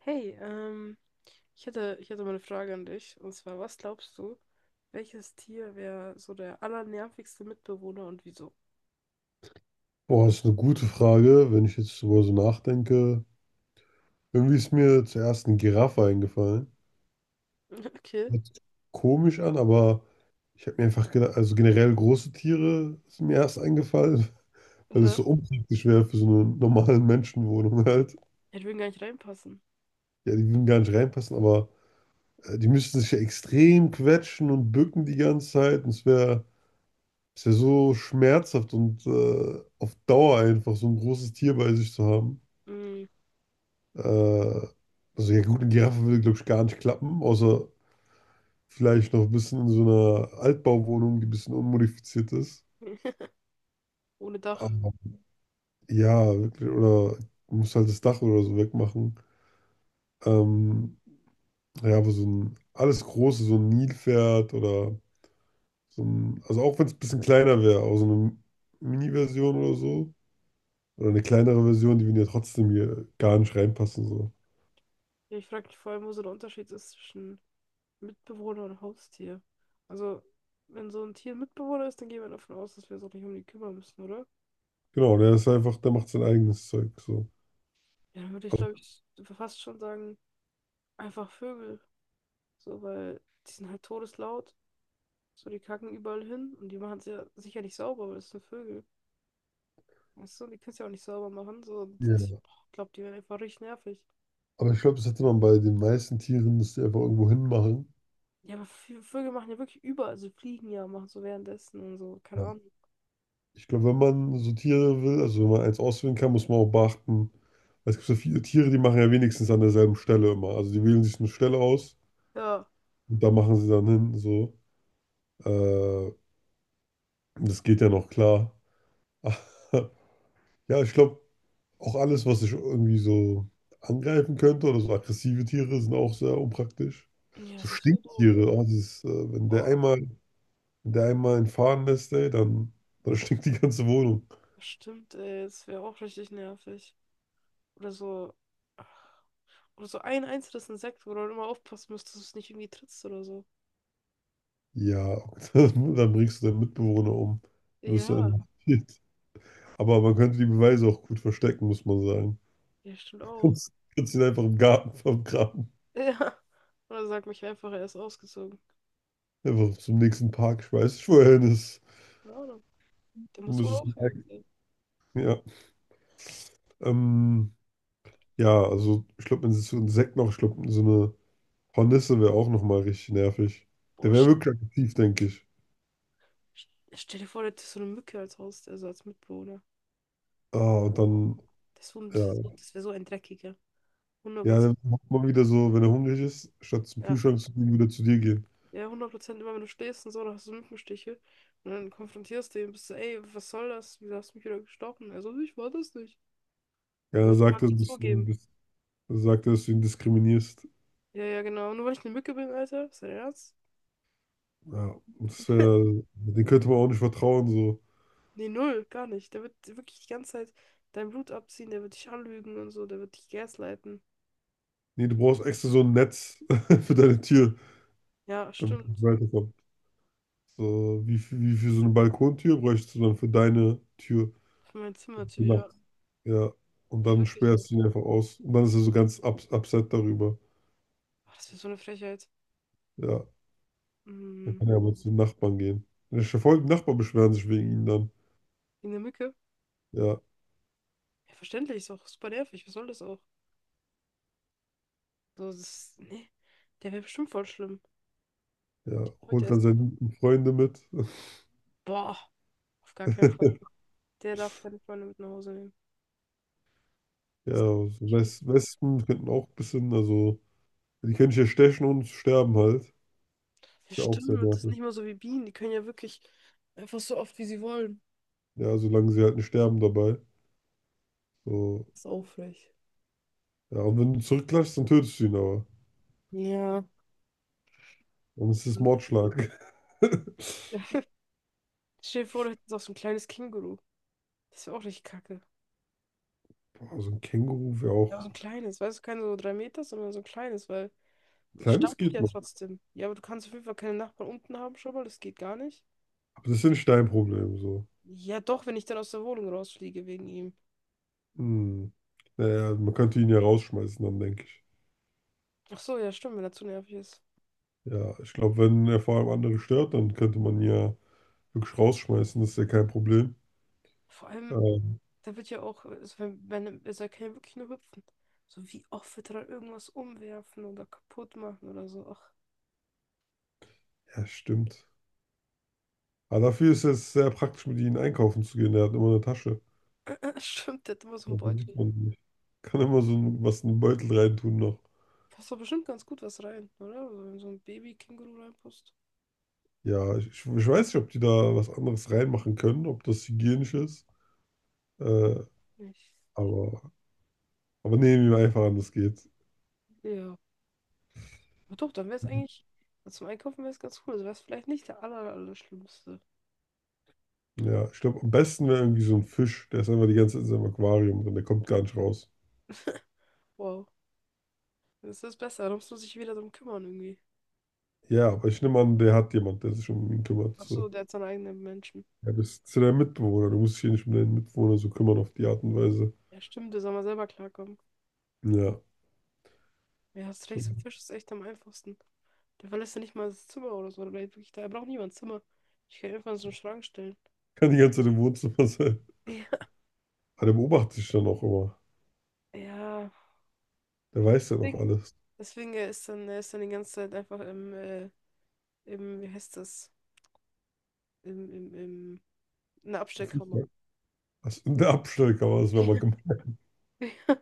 Hey, ich hätte mal eine Frage an dich. Und zwar, was glaubst du, welches Tier wäre so der allernervigste Mitbewohner und wieso? Boah, ist eine gute Frage, wenn ich jetzt darüber so nachdenke. Irgendwie ist mir zuerst eine Giraffe eingefallen. Okay. Hört sich komisch an, aber ich habe mir einfach gedacht, also generell große Tiere sind mir erst eingefallen, weil es Äh, so unpraktisch wäre für so eine normale Menschenwohnung halt. Ich würde gar nicht reinpassen. Ja, die würden gar nicht reinpassen, aber die müssten sich ja extrem quetschen und bücken die ganze Zeit. Und es wär so schmerzhaft und auf Dauer einfach so ein großes Tier bei sich zu haben. Mm. Äh, also ja gut, eine Giraffe würde, glaube ich, gar nicht klappen, außer vielleicht noch ein bisschen in so einer Altbauwohnung, die ein bisschen unmodifiziert ist. Ohne Dach. Aber ja, wirklich, oder du musst halt das Dach oder so wegmachen. Ähm, ja, aber so ein alles Große, so ein Nilpferd oder so ein, also auch wenn es ein bisschen kleiner wäre, auch so eine Mini-Version oder so. Oder eine kleinere Version, die würden ja trotzdem hier gar nicht reinpassen. So. Ja, ich frage mich vor allem, wo so der Unterschied ist zwischen Mitbewohner und Haustier. Also, wenn so ein Tier ein Mitbewohner ist, dann gehen wir davon aus, dass wir uns auch nicht um die kümmern müssen, oder? Genau, der ist einfach, der macht sein eigenes Zeug. So. Ja, dann würde ich, Also, glaube ich, fast schon sagen, einfach Vögel. So, weil die sind halt todeslaut. So, die kacken überall hin und die machen es ja sicher nicht sauber, weil das sind Vögel. Weißt du, die können es ja auch nicht sauber machen. So, und ich ja. glaube, die werden einfach richtig nervig. Aber ich glaube, das hätte man bei den meisten Tieren, dass die einfach irgendwo hinmachen. Ja, aber Vögel machen ja wirklich überall, also fliegen ja, machen so währenddessen und so, keine Ja. Ahnung. Ich glaube, wenn man so Tiere will, also wenn man eins auswählen kann, muss man auch beachten, weil es gibt so viele Tiere, die machen ja wenigstens an derselben Stelle immer. Also die wählen sich eine Stelle aus Ja, und da machen sie dann hin, so. Äh, Das geht ja noch klar. Ja, ich glaube, auch alles, was sich irgendwie so angreifen könnte oder so aggressive Tiere, sind auch sehr unpraktisch. ja, So das wäre doof. Stinktiere, oh, dieses, Boah, wenn der einmal entfahren Faden lässt, ey, dann stinkt die ganze Wohnung. stimmt, ey, das wäre auch richtig nervig. Oder so, ach, oder so ein einzelnes Insekt, wo du dann immer aufpassen musst, dass du es nicht irgendwie trittst oder so. Ja, dann bringst du deinen Mitbewohner um. Dann wirst du Ja, inhaftiert. Aber man könnte die Beweise auch gut verstecken, muss man sagen. ja, stimmt Du auch. kannst, kannst ihn einfach im Garten vergraben. Ja, oder sag mich einfach, er ist ausgezogen. Einfach zum nächsten Park schmeißen. Ich wohin ist. Keine Ahnung, der Du muss wohl müsstest merken, aufhören. ja. Ähm, ja, also ich glaube, wenn sie so Insekten noch schlucken, so eine Hornisse wäre auch nochmal richtig nervig. Der Boah, wäre wirklich aktiv, denke ich. stell dir vor, du hättest so eine Mücke als Haus, also als Mitbewohner. Ah, und dann. Das, das wär Ja. so das wär so ein dreckiger. Hundert Ja, Prozent. dann macht man wieder so, wenn er hungrig ist, statt zum Ja, Kühlschrank zu gehen, wieder zu dir gehen. ja, hundert Prozent immer, wenn du schläfst und so, dann hast du so Mückenstiche. Und dann konfrontierst du ihn, bist du, ey, was soll das? Wieso hast du mich wieder gestochen? Also ich war das nicht. Ja, Er wird mal nicht zugeben. Dann sagt er, dass du ihn diskriminierst. Ja, ja, genau. Nur weil ich eine Mücke bin, Alter. Ist dein Ernst? Ja, und das wäre, den könnte man auch nicht vertrauen, so. Nee, null, gar nicht. Der wird wirklich die ganze Zeit dein Blut abziehen, der wird dich anlügen und so, der wird dich gaslighten. Nee, du brauchst extra so ein Netz für deine Tür, Ja, damit es stimmt. weiterkommt. So, wie für so eine Balkontür bräuchst du dann für deine Tür Für mein Zimmer zu, die Nacht. ja. Ja, und Ja, dann wirklich, ey. sperrst du ihn einfach aus. Und dann ist er so ganz upset darüber. Boah, das wäre so eine Frechheit. Ja, dann Mhm. kann er aber zu den Nachbarn gehen. Der Nachbarn beschweren sich wegen ihm dann. In der Mücke? Ja. Ja, verständlich, ist auch super nervig. Was soll das auch? So, das ist, nee, der wäre bestimmt voll schlimm. Ja, Heute holt erst. dann seine guten Freunde mit. Boah, auf gar keinen Fall. Der darf keine Freunde mit nach Hause nehmen. Ja, Das kann so ich nie. Wespen könnten auch ein bisschen, also, die können sich ja stechen und sterben halt. Ja, Ist ja auch sehr stimmt, das ist nicht nervig. mal so wie Bienen. Die können ja wirklich einfach so oft, wie sie wollen. Ja, solange sie halt nicht sterben dabei. So, Das ist aufrecht. ja, und wenn du zurückklatschst, dann tötest du ihn aber. Ja. Dann ist es Mordschlag. Stell dir vor, du hättest auch so ein kleines Känguru. Das wäre auch richtig kacke. Boah, so ein Känguru wäre Ja, aber so auch. ein kleines, weißt du, kein so drei Meter, sondern so ein kleines, weil. Das Kleines stampft geht ja noch. trotzdem. Ja, aber du kannst auf jeden Fall keine Nachbarn unten haben schon mal, das geht gar nicht. Aber das ist ja nicht dein Problem, so. Ja, doch, wenn ich dann aus der Wohnung rausfliege wegen ihm. Hm. Naja, man könnte ihn ja rausschmeißen, dann denke ich. Ach so, ja, stimmt, wenn er zu nervig ist. Ja, ich glaube, wenn er vor allem andere stört, dann könnte man ihn ja wirklich rausschmeißen, das ist ja kein Problem. Vor allem, Ähm, der wird ja auch, also wenn also er kann ja wirklich nur hüpfen. So, wie oft wird er dann irgendwas umwerfen oder kaputt machen oder so? Ach, Ja, stimmt. Aber dafür ist es sehr praktisch, mit ihnen einkaufen zu gehen. Er hat immer eine Tasche. stimmt, der hat immer so einen Beutel. Das Kann immer so was in den Beutel reintun noch. Passt doch bestimmt ganz gut was rein, oder? Also, wenn so ein Baby-Känguru reinpasst. Ja, ich weiß nicht, ob die da was anderes reinmachen können, ob das hygienisch ist. Äh, Nicht. aber, aber nehmen wir einfach an, das geht. Ja. Aber doch, dann wäre es Mhm. eigentlich, zum Einkaufen wäre es ganz cool. Also wäre es vielleicht nicht der aller, aller schlimmste. Ja, ich glaube, am besten wäre irgendwie so ein Fisch. Der ist einfach die ganze Zeit in seinem Aquarium drin. Der kommt gar nicht raus. Wow. Das ist besser, da musst du dich wieder drum kümmern irgendwie. Ja, aber ich nehme an, der hat jemand, der sich um ihn kümmert. Ach so, So. der hat seinen eigenen Menschen. Ja, bist du dein Mitbewohner. Du musst dich hier nicht um deinen Mitbewohner so kümmern auf die Art und Weise. Ja, stimmt, der soll mal selber klarkommen. Ja. Ja, hast So. recht, so ein Fisch ist echt am einfachsten. Der verlässt ja nicht mal das Zimmer oder so. Der bleibt wirklich da. Er braucht niemand Zimmer. Ich kann ihn einfach in so einen Schrank stellen. Kann die ganze Zeit im Wohnzimmer sein. Ja, Aber der beobachtet dich dann auch immer. ja. Der weiß ja noch Deswegen, alles. deswegen er ist dann die ganze Zeit einfach im, im, wie heißt das? Im, im, im, in der Abstellkammer. Was in der Abstellkammer das wäre mal gemeint. Ja,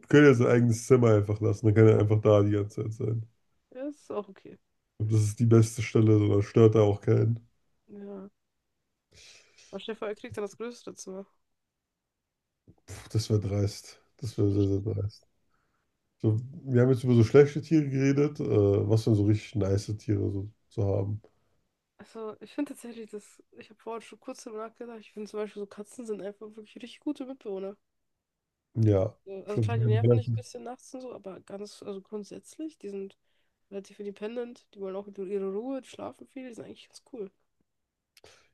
Wir können ja sein eigenes Zimmer einfach lassen. Dann kann er einfach da die ganze Zeit sein. ja, ist auch okay. Und das ist die beste Stelle, so, da stört er auch keinen. Ja. Aber Stefan, er kriegt dann das größere Zimmer. Puh, das wäre dreist. Das Für wäre sehr, dich. sehr dreist. So, wir haben jetzt über so schlechte Tiere geredet. Was denn so richtig nice Tiere so zu haben. Also, ich finde tatsächlich, dass, ich habe vorhin schon kurz darüber nachgedacht, ich finde zum Beispiel so Katzen sind einfach wirklich richtig gute Mitbewohner. Ja, So, ich also glaube, klar, die die werden nerven dich ein relativ. bisschen nachts und so, aber ganz, also grundsätzlich, die sind relativ independent, die wollen auch ihre Ruhe, die schlafen viel, die sind eigentlich ganz cool.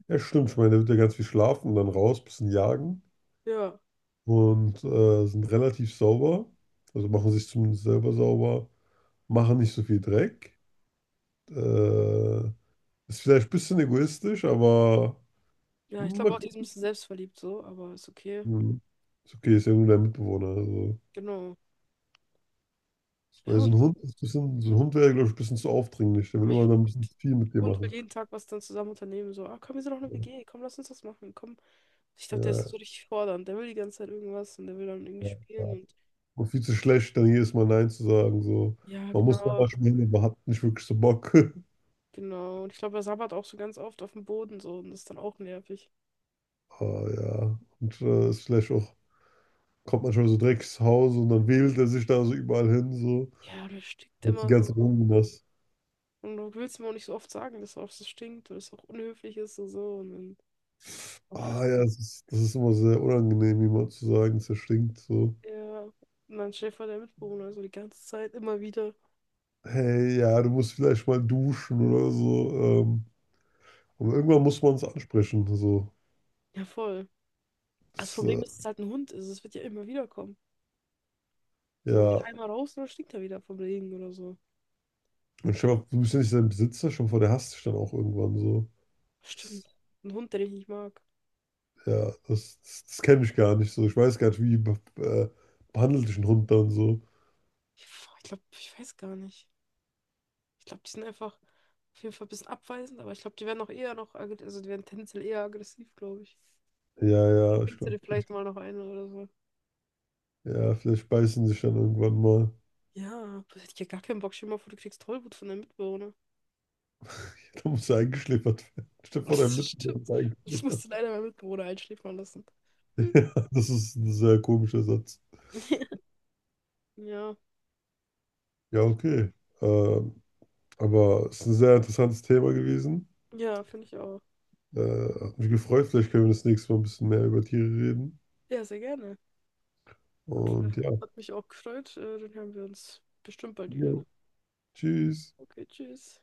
Ja, stimmt. Ich meine, der wird ja ganz viel schlafen und dann raus, bisschen jagen. Ja, Und sind relativ sauber, also machen sich zumindest selber sauber, machen nicht so viel Dreck. Äh, Ist vielleicht ein bisschen egoistisch, aber ja, ich glaube man auch, die kann, ist ein bisschen selbstverliebt so, aber ist okay. hm. Ist okay, ist ja nur der Mitbewohner. Also. Genau. Ja, Weil so und ein auch Hund ist ein Hund. bisschen, so ein Hund wäre, glaube ich, ein bisschen zu aufdringlich. Der will Ah ja. immer noch ein bisschen zu viel mit dir Hund will machen. jeden Tag was dann zusammen unternehmen, so, ah, komm, wir sind auch eine WG, komm, lass uns das machen, komm. Ich glaube, der ist Ja, so richtig fordernd, der will die ganze Zeit irgendwas und der will dann irgendwie spielen ja. und Und viel zu schlecht, dann jedes Mal Nein zu sagen. So. ja, Man muss da genau. manchmal hin, aber hat nicht wirklich so Bock. Genau. Und ich glaube, er sabbert auch so ganz oft auf dem Boden so und das ist dann auch nervig. Ah, ja. Und ist vielleicht auch kommt manchmal so direkt ins Haus und dann wählt er sich da so überall hin, so. Ja, oh, der stinkt Und die immer ganze so. Wohnung das. Und du willst ihm auch nicht so oft sagen, dass er auch so stinkt oder dass es auch unhöflich ist und so. Und dann, och, Ah ja, das ist immer sehr unangenehm, jemand zu sagen, es stinkt so. ja. Und dann Schäfer der Mitbewohner, so die ganze Zeit immer wieder. Hey, ja, du musst vielleicht mal duschen oder so. Ähm, aber irgendwann muss man es ansprechen, so. Ja, voll. Das Das, Problem äh, ist, es ist halt ein Hund, also es wird ja immer wieder kommen. So geht ja. einmal raus und dann stinkt er wieder vom Regen oder so. Und stell dir mal, du bist ja nicht sein Besitzer, schon vor, der hasst dich dann auch irgendwann so. Das, Stimmt. Ein Hund, den ich nicht mag. ja, das kenne ich gar nicht so. Ich weiß gar nicht, behandelt dich ein Hund dann so. Ich, ich weiß gar nicht. Ich glaube, die sind einfach auf jeden Fall ein bisschen abweisend, aber ich glaube, die werden auch eher noch, also die werden tendenziell eher aggressiv, glaube ich. Ja, Dann ja, ich kriegst du dir glaube, vielleicht mal noch eine oder so. ja, vielleicht beißen sich dann irgendwann mal. Ja, das hätte ich ja gar keinen Bock. Stell dir mal vor, du kriegst Tollwut von deinem Mitbewohner. Da muss er eingeschläfert werden. Stefan, der Das Mittelmeer stimmt. ist Ich eingeschläfert. musste leider meinen Mitbewohner einschläfern lassen. Hm. Ja, das ist ein sehr komischer Satz. Ja, Ja, okay. Ähm, aber es ist ein sehr interessantes Thema gewesen. ja, finde ich auch. Hat mich gefreut. Vielleicht können wir das nächste Mal ein bisschen mehr über Tiere reden. Ja, sehr gerne. Gut, Und ja, hat mich auch gefreut. Dann hören wir uns bestimmt bald ja. wieder. Tschüss. Okay, tschüss.